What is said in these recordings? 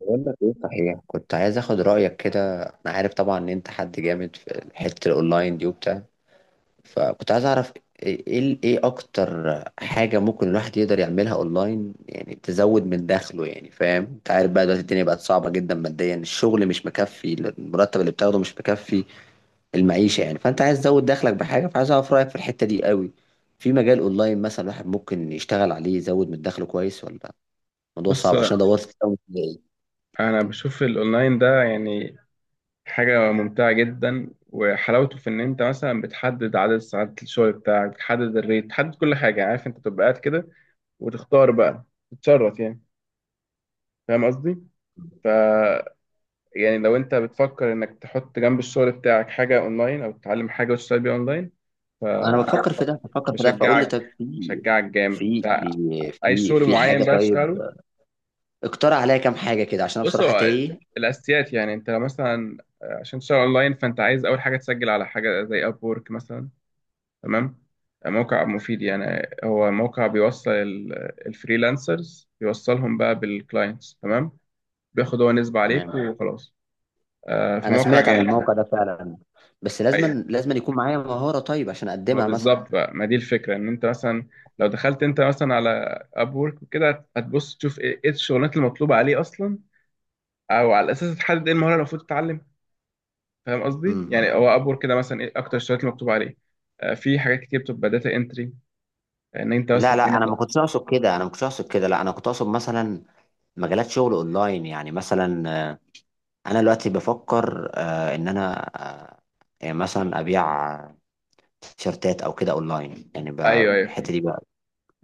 بقول لك ايه، صحيح كنت عايز اخد رايك كده. انا عارف طبعا ان انت حد جامد في حته الاونلاين دي وبتاع، فكنت عايز اعرف ايه ايه إيه اكتر حاجه ممكن الواحد يقدر يعملها اونلاين، يعني تزود من دخله. يعني فاهم، انت عارف بقى دلوقتي الدنيا بقت صعبه جدا ماديا، الشغل مش مكفي، المرتب اللي بتاخده مش مكفي المعيشه يعني. فانت عايز تزود دخلك بحاجه، فعايز اعرف رايك في الحته دي قوي. في مجال اونلاين مثلا الواحد ممكن يشتغل عليه يزود من دخله كويس ولا الموضوع بص. صعب؟ عشان دورت كتير أوي. انا بشوف الاونلاين ده، يعني حاجه ممتعه جدا، وحلاوته في ان انت مثلا بتحدد عدد ساعات الشغل بتاعك، بتحدد الريت، بتحدد كل حاجه، يعني عارف، انت تبقى قاعد كده وتختار بقى، تتشرط يعني، فاهم قصدي؟ ف يعني لو انت بتفكر انك تحط جنب الشغل بتاعك حاجه اونلاين او تتعلم حاجه وتشتغل بيها اونلاين، انا بفكر في ده بفكر في ده، فاقول لي فبشجعك طب في بشجعك جامد. في في اي في شغل في معين حاجه؟ بقى طيب تشتغله. اقترح عليا كام حاجه كده، عشان انا بص، بصراحه هو تايه. الاساسيات يعني، انت لو مثلا عشان تشتغل اونلاين فانت عايز اول حاجه تسجل على حاجه زي اب وورك مثلا. تمام؟ موقع مفيد، يعني هو موقع بيوصل الفريلانسرز، بيوصلهم بقى بالكلاينتس. تمام. بياخد هو نسبه عليك تمام. وخلاص. انا فموقع سمعت عن الموقع جامد. ده فعلا، بس لازم ايوه، لازم يكون معايا مهاره طيب عشان هو اقدمها مثلا. بالظبط بقى، ما دي الفكره، ان انت مثلا لو دخلت انت مثلا على اب وورك وكده، هتبص تشوف إيه الشغلانات المطلوبه عليه اصلا، او على اساس تحدد ايه المهاره اللي المفروض تتعلم. فاهم قصدي؟ امم يعني هو ابور كده، مثلا ايه اكتر الشغلات اللي مكتوب عليه. في حاجات كتير بتبقى داتا انتري، ان انت بس لا لا، تكون... انا ما كنتش اقصد كده، انا ما كنتش اقصد كده. لا، انا كنت اقصد مثلا مجالات شغل اونلاين يعني. مثلا آه، انا دلوقتي بفكر ان انا آه، يعني مثلا ابيع تيشرتات او كده اونلاين، يعني ايوه ايوه الحته فهمت. دي،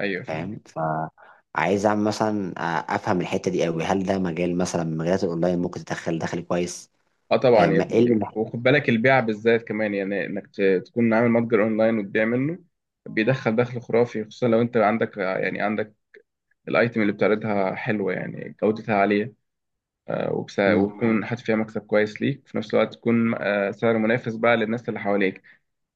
ايوه فهمت. فاهم؟ فعايز اعمل مثلا افهم الحته دي قوي. هل ده مجال مثلا من مجالات الاونلاين ممكن تدخل دخل كويس؟ اه طبعا يا ما ايه اللي ابني، محتاج؟ وخد بالك البيع بالذات كمان، يعني انك تكون عامل متجر اونلاين وتبيع منه. بيدخل دخل خرافي، خصوصا لو انت عندك، يعني عندك الايتم اللي بتعرضها حلوه، يعني جودتها عاليه، مم. وتكون حاطط فيها مكسب كويس ليك، في نفس الوقت تكون سعر منافس بقى للناس اللي حواليك.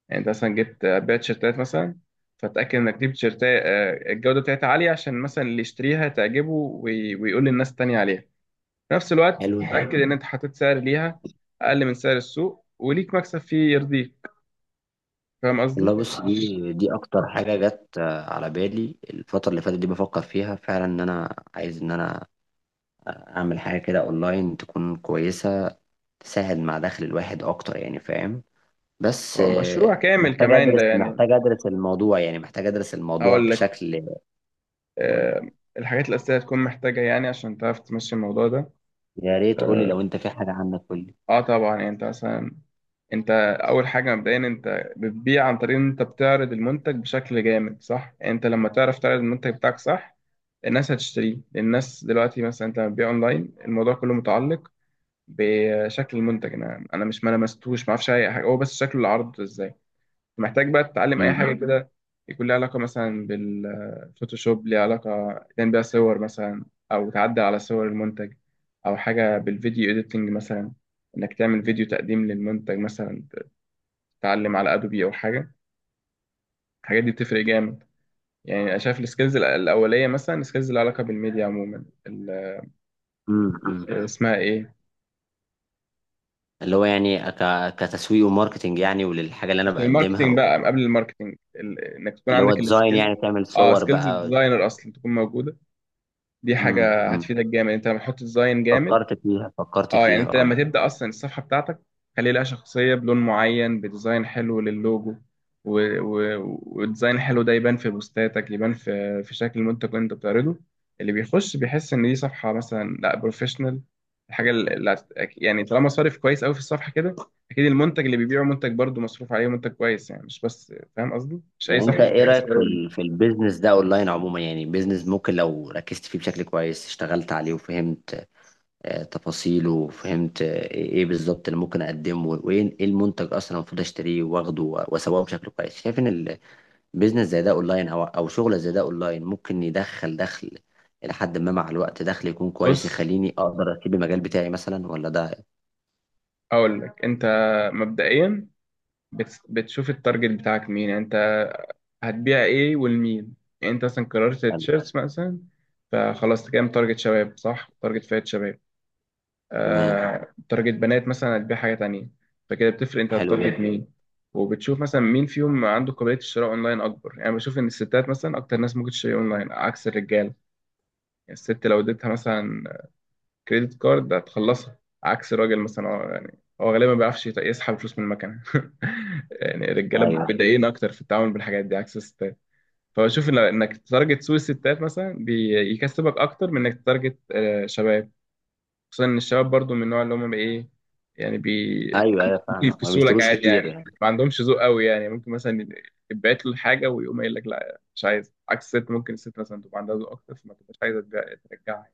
يعني انت مثلا جبت بيع تيشيرتات مثلا، فتأكد انك تجيب تيشيرتات الجودة بتاعتها عالية، عشان مثلا اللي يشتريها تعجبه ويقول للناس التانية عليها. في نفس الوقت حلو ده. تأكد ان انت حطيت سعر ليها اقل من سعر السوق وليك مكسب فيه يرضيك. فاهم قصدي؟ والله بص، دي اكتر حاجه جت على بالي الفتره اللي فاتت، دي بفكر فيها فعلا. ان انا عايز ان انا اعمل حاجه كده اونلاين تكون كويسه، تساعد مع دخل الواحد اكتر، يعني فاهم. بس هو مشروع كامل محتاج كمان ده، ادرس، يعني الموضوع يعني، محتاج ادرس الموضوع هقول لك. بشكل. قولي. آه، الحاجات الأساسية هتكون محتاجة، يعني عشان تعرف تمشي الموضوع ده. يا ريت قولي، آه، لو انت في حاجه عنك قولي. اه طبعا، يعني انت مثلا، انت اول حاجه مبدئيا انت بتبيع عن طريق ان انت بتعرض المنتج بشكل جامد صح، يعني انت لما تعرف تعرض المنتج بتاعك صح الناس هتشتريه. الناس دلوقتي مثلا، انت لما بتبيع اونلاين الموضوع كله متعلق بشكل المنتج. انا مش، ما لمستوش، ما اعرفش اي حاجه هو، بس شكل العرض ازاي. محتاج بقى تتعلم اي مم. حاجه كده يكون لها علاقه مثلا بالفوتوشوب، ليها علاقه تعمل بيها صور مثلا، او تعدل على صور المنتج، او حاجه بالفيديو اديتنج مثلا، انك تعمل فيديو تقديم للمنتج مثلا، تتعلم على ادوبي او حاجه. الحاجات دي بتفرق جامد. يعني انا شايف السكيلز الاوليه، مثلا السكيلز اللي علاقه بالميديا عموما، أمم. اسمها ايه، اللي هو يعني كتسويق وماركتنج يعني، وللحاجه اللي انا مش بقدمها الماركتينج بقى، قبل الماركتينج انك تكون اللي هو عندك ديزاين، يعني السكيل. تعمل اه صور سكيلز بقى. الديزاينر اصلا تكون موجوده. دي حاجه أمم. هتفيدك جامد انت لما تحط ديزاين جامد. فكرت فيها فكرت اه يعني فيها، انت لما اه. تبدأ اصلا الصفحة بتاعتك، خلي لها شخصية بلون معين، بديزاين حلو للوجو، و... و... وديزاين حلو، ده يبان في بوستاتك، يبان في شكل المنتج اللي انت بتعرضه. اللي بيخش بيحس ان دي صفحة مثلا لا بروفيشنال. الحاجة اللي هت- يعني طالما صارف كويس قوي في الصفحة كده، اكيد المنتج اللي بيبيعه منتج برضه مصروف عليه، منتج كويس. يعني مش بس، فاهم قصدي؟ مش اي يعني صفحة انت ايه كويس. رايك في في البيزنس ده اونلاين عموما؟ يعني بيزنس ممكن لو ركزت فيه بشكل كويس، اشتغلت عليه وفهمت تفاصيله، وفهمت إيه بالظبط اللي ممكن اقدمه، وايه إيه المنتج اصلا المفروض اشتريه واخده واسوقه بشكل كويس. شايف ان بيزنس زي ده اونلاين، او شغل زي ده اونلاين، ممكن يدخل دخل الى حد ما مع الوقت، دخل يكون كويس بص، يخليني اقدر اسيب المجال بتاعي مثلا، ولا ده؟ اقول لك انت مبدئيا بتشوف التارجت بتاعك مين، يعني انت هتبيع ايه ولمين. يعني انت مثلا قررت حلو. التيشيرتس مثلا، فخلاص كام تارجت؟ شباب، صح؟ تارجت فئة شباب، تمام. آه تارجت بنات مثلا هتبيع حاجة تانية. فكده بتفرق انت حلو هتارجت جدا. مين. وبتشوف مثلا مين فيهم عنده قابلية الشراء اونلاين اكبر، يعني بشوف ان الستات مثلا اكتر ناس ممكن تشتري اونلاين عكس الرجال. يعني الست لو اديتها مثلا كريدت كارد هتخلصها، عكس الراجل مثلا، هو يعني هو غالبا ما بيعرفش يسحب فلوس من المكنة يعني الرجالة ايوه، متضايقين اكتر في التعامل بالحاجات دي عكس الستات. فبشوف انك تتارجت سوق الستات مثلا بيكسبك اكتر من انك تتارجت شباب. خصوصا ان الشباب برضو من النوع اللي هم ايه، يعني ايوه، ايوه، ممكن فاهم، ما يفكسوا لك بيشتروش عادي، كتير يعني يعني. ما عندهمش ذوق قوي. يعني ممكن مثلا يتبعت له حاجه ويقوم قايل لك لا مش عايز. عكس الست، ممكن الست مثلا تبقى عندها ذوق اكتر فما تبقاش عايزه ترجعها.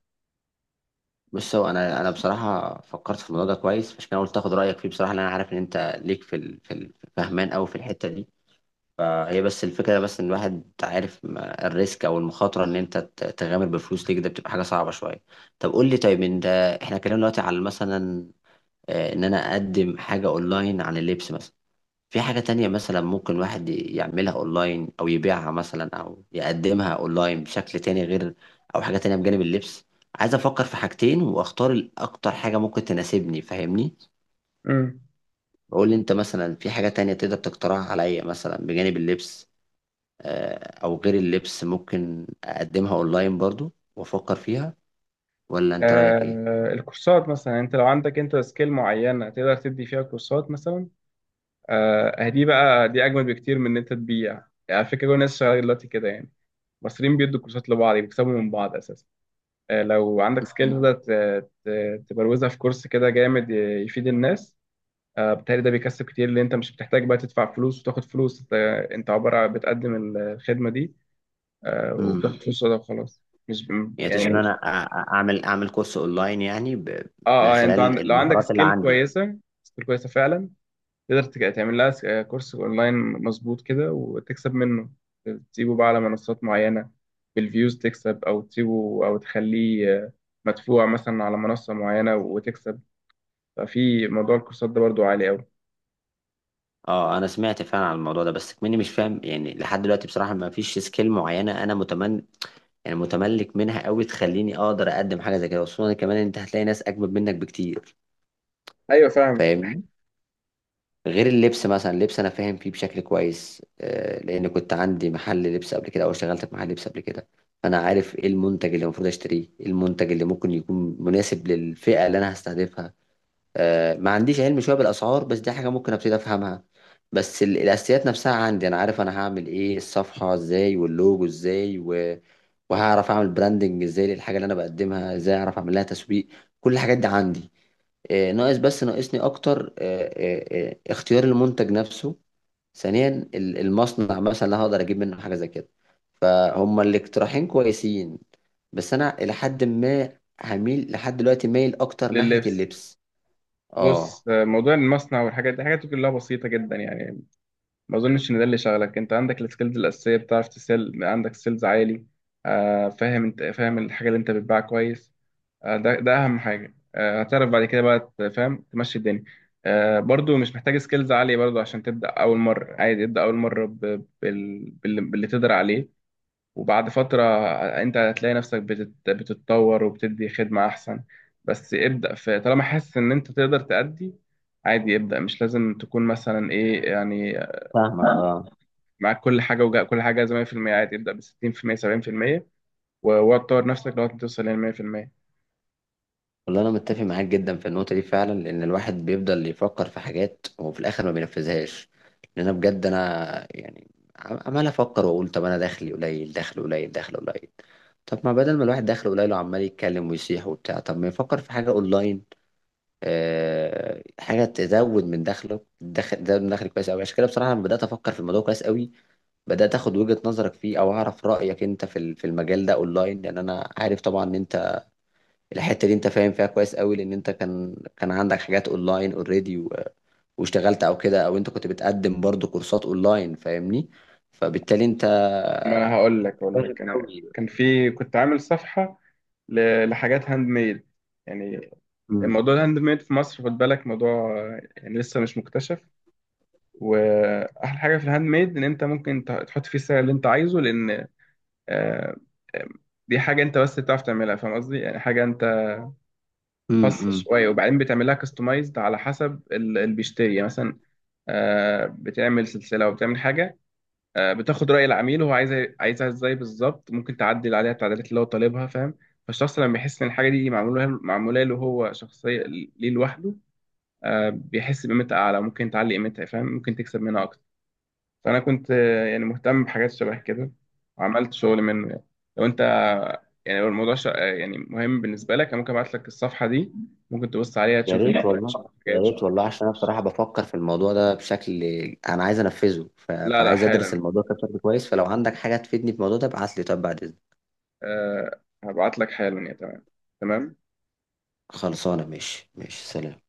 بص، هو انا بصراحه فكرت في الموضوع ده كويس، عشان كده قلت اخد رايك فيه بصراحه، لان انا عارف ان انت ليك في فهمان قوي في الحته دي. فهي بس الفكره، بس ان الواحد عارف الريسك او المخاطره ان انت تغامر بفلوس ليك، ده بتبقى حاجه صعبه شويه. طب قول لي، طيب انت احنا اتكلمنا دلوقتي على مثلا ان انا اقدم حاجة اونلاين عن اللبس مثلا. في حاجة تانية مثلا ممكن واحد يعملها اونلاين، او يبيعها مثلا، او يقدمها اونلاين بشكل تاني غير او حاجة تانية بجانب اللبس؟ عايز افكر في حاجتين واختار الاكتر حاجة ممكن تناسبني، فاهمني؟ امم. بقول لي انت مثلا، في حاجة تانية تقدر تقترحها عليا مثلا بجانب اللبس او غير اللبس، ممكن اقدمها اونلاين برضو وافكر فيها؟ ولا انت رايك آه الكورسات مثلا، انت لو عندك انت سكيل معينه تقدر تدي فيها كورسات مثلا. آه دي اجمل بكتير من ان انت تبيع، يعني على فكره كل الناس شغاله دلوقتي كده. يعني المصريين بيدوا كورسات لبعض، بيكسبوا من بعض اساسا. لو عندك سكيل تقدر تبروزها في كورس كده جامد، يفيد الناس. بالتالي ده بيكسب كتير، لان انت مش بتحتاج بقى تدفع فلوس وتاخد فلوس. انت انت عباره عن بتقدم الخدمه دي ايه؟ وبتاخد فلوس وده وخلاص. مش يعني تقصد يعني ان مش... انا اعمل كورس اونلاين، يعني اه من اه يعني انت خلال لو عندك المهارات اللي سكيل عندي يعني؟ كويسه، سكيل كويسه فعلا، تقدر تعمل لها كورس اونلاين، مظبوط كده وتكسب منه. تسيبه بقى على منصات معينة بالفيوز تكسب، او تسيبه او تخليه مدفوع مثلا على منصة معينة وتكسب. ففي موضوع الكورسات ده برضو عالي قوي. اه انا سمعت فعلا عن الموضوع ده، بس مني مش فاهم يعني لحد دلوقتي بصراحة. ما فيش سكيل معينة انا يعني متملك منها قوي تخليني اقدر اقدم حاجة زي كده، خصوصا كمان إن انت هتلاقي ناس اجمد منك بكتير، ايوه فاهم. فاهمني؟ غير اللبس مثلا. اللبس انا فاهم فيه بشكل كويس لان كنت عندي محل لبس قبل كده، او اشتغلت في محل لبس قبل كده. فانا عارف ايه المنتج اللي المفروض اشتريه، إيه المنتج اللي ممكن يكون مناسب للفئة اللي انا هستهدفها. ما عنديش علم شويه بالاسعار، بس دي حاجه ممكن ابتدي افهمها. بس الاساسيات نفسها عندي، انا عارف انا هعمل ايه، الصفحه ازاي واللوجو ازاي، وهعرف اعمل براندنج ازاي للحاجه اللي انا بقدمها، ازاي اعرف اعمل لها تسويق. كل الحاجات دي عندي. ناقص، بس ناقصني اكتر اختيار المنتج نفسه. ثانيا المصنع مثلا اللي هقدر اجيب منه حاجه زي كده. فهم الاقتراحين كويسين، بس انا الى حد ما هميل، لحد دلوقتي مايل اكتر ناحيه لللبس. اللبس. اه. بص موضوع المصنع والحاجات دي حاجات كلها بسيطة جدا. يعني ما اظنش ان ده اللي شغلك، انت عندك السكيلز الأساسية، بتعرف تسيل، عندك سيلز عالي. فاهم، انت فاهم الحاجة اللي انت بتبيعها كويس. ده اهم حاجه. هتعرف بعد كده بقى تفهم تمشي الدنيا. برضو مش محتاج سكيلز عاليه برضو، عشان تبدا اول مره عادي. ابدا اول مره باللي تقدر عليه، وبعد فتره انت هتلاقي نفسك بتتطور وبتدي خدمه احسن. بس ابدا في طالما حاسس ان انت تقدر تأدي. عادي ابدا، مش لازم تكون مثلا ايه يعني فاهمك، اه. معاك كل حاجه، وكل حاجه زي 100%. عادي ابدا ب 60% 70%، وتطور نفسك لغايه ما توصل لل 100%. والله انا متفق معاك جدا في النقطه دي فعلا، لان الواحد بيفضل يفكر في حاجات وفي الاخر ما بينفذهاش. لان انا بجد انا يعني عمال افكر واقول طب انا دخلي قليل، دخل قليل، دخل قليل. طب ما بدل ما الواحد دخله قليل وعمال يتكلم ويصيح وبتاع، طب ما يفكر في حاجه اونلاين حاجه تزود من دخله، دخل تزود من دخل كويس قوي. عشان كده بصراحه انا بدات افكر في الموضوع كويس قوي، بدات اخد وجهه نظرك فيه او اعرف رايك انت في في المجال ده اونلاين، لان انا عارف طبعا ان انت الحته دي انت فاهم فيها كويس قوي، لان انت كان عندك حاجات اونلاين اوريدي، واشتغلت او كده، او انت كنت بتقدم برضو كورسات اونلاين، فاهمني؟ فبالتالي انت ما انا هقول لك، اقول فاهم لك انا قوي. كان كنت عامل صفحه لحاجات هاند ميد يعني. امم، الموضوع الهاند ميد في مصر، خد بالك، موضوع يعني لسه مش مكتشف. واحلى حاجه في الهاند ميد ان انت ممكن تحط فيه السعر اللي انت عايزه، لان آه، دي حاجه انت بس بتعرف تعملها. فاهم قصدي؟ يعني حاجه انت خاصه امم. شويه، وبعدين بتعملها كاستمايزد على حسب اللي بيشتري. يعني مثلا بتعمل سلسله وبتعمل حاجه. بتاخد رأي العميل، وهو عايزها ازاي بالظبط، ممكن تعدل عليها التعديلات اللي هو طالبها، فاهم؟ فالشخص لما يحس ان الحاجة دي معمولة له هو شخصية ليه لوحده، بيحس بقيمتها أعلى، ممكن تعلي قيمتها فاهم، ممكن تكسب منها أكتر. فأنا كنت يعني مهتم بحاجات شبه كده، وعملت شغل منه يعني. لو أنت يعني لو الموضوع ش... آه، يعني مهم بالنسبة لك، أنا ممكن أبعت لك الصفحة دي، ممكن تبص عليها يا تشوف ريت الديزاين، والله، تشوف الحاجات، يا تشوف ريت والله، عشان انا بصراحه بفكر في الموضوع ده بشكل، انا عايز انفذه. لا لا فعايز ادرس حالا. الموضوع ده بشكل كويس، فلو عندك حاجه تفيدني في الموضوع ده ابعت لي، طب بعد اذنك. أه هبعت لك حالا. يا تمام، تمام. خلصانه. ماشي، ماشي، سلام.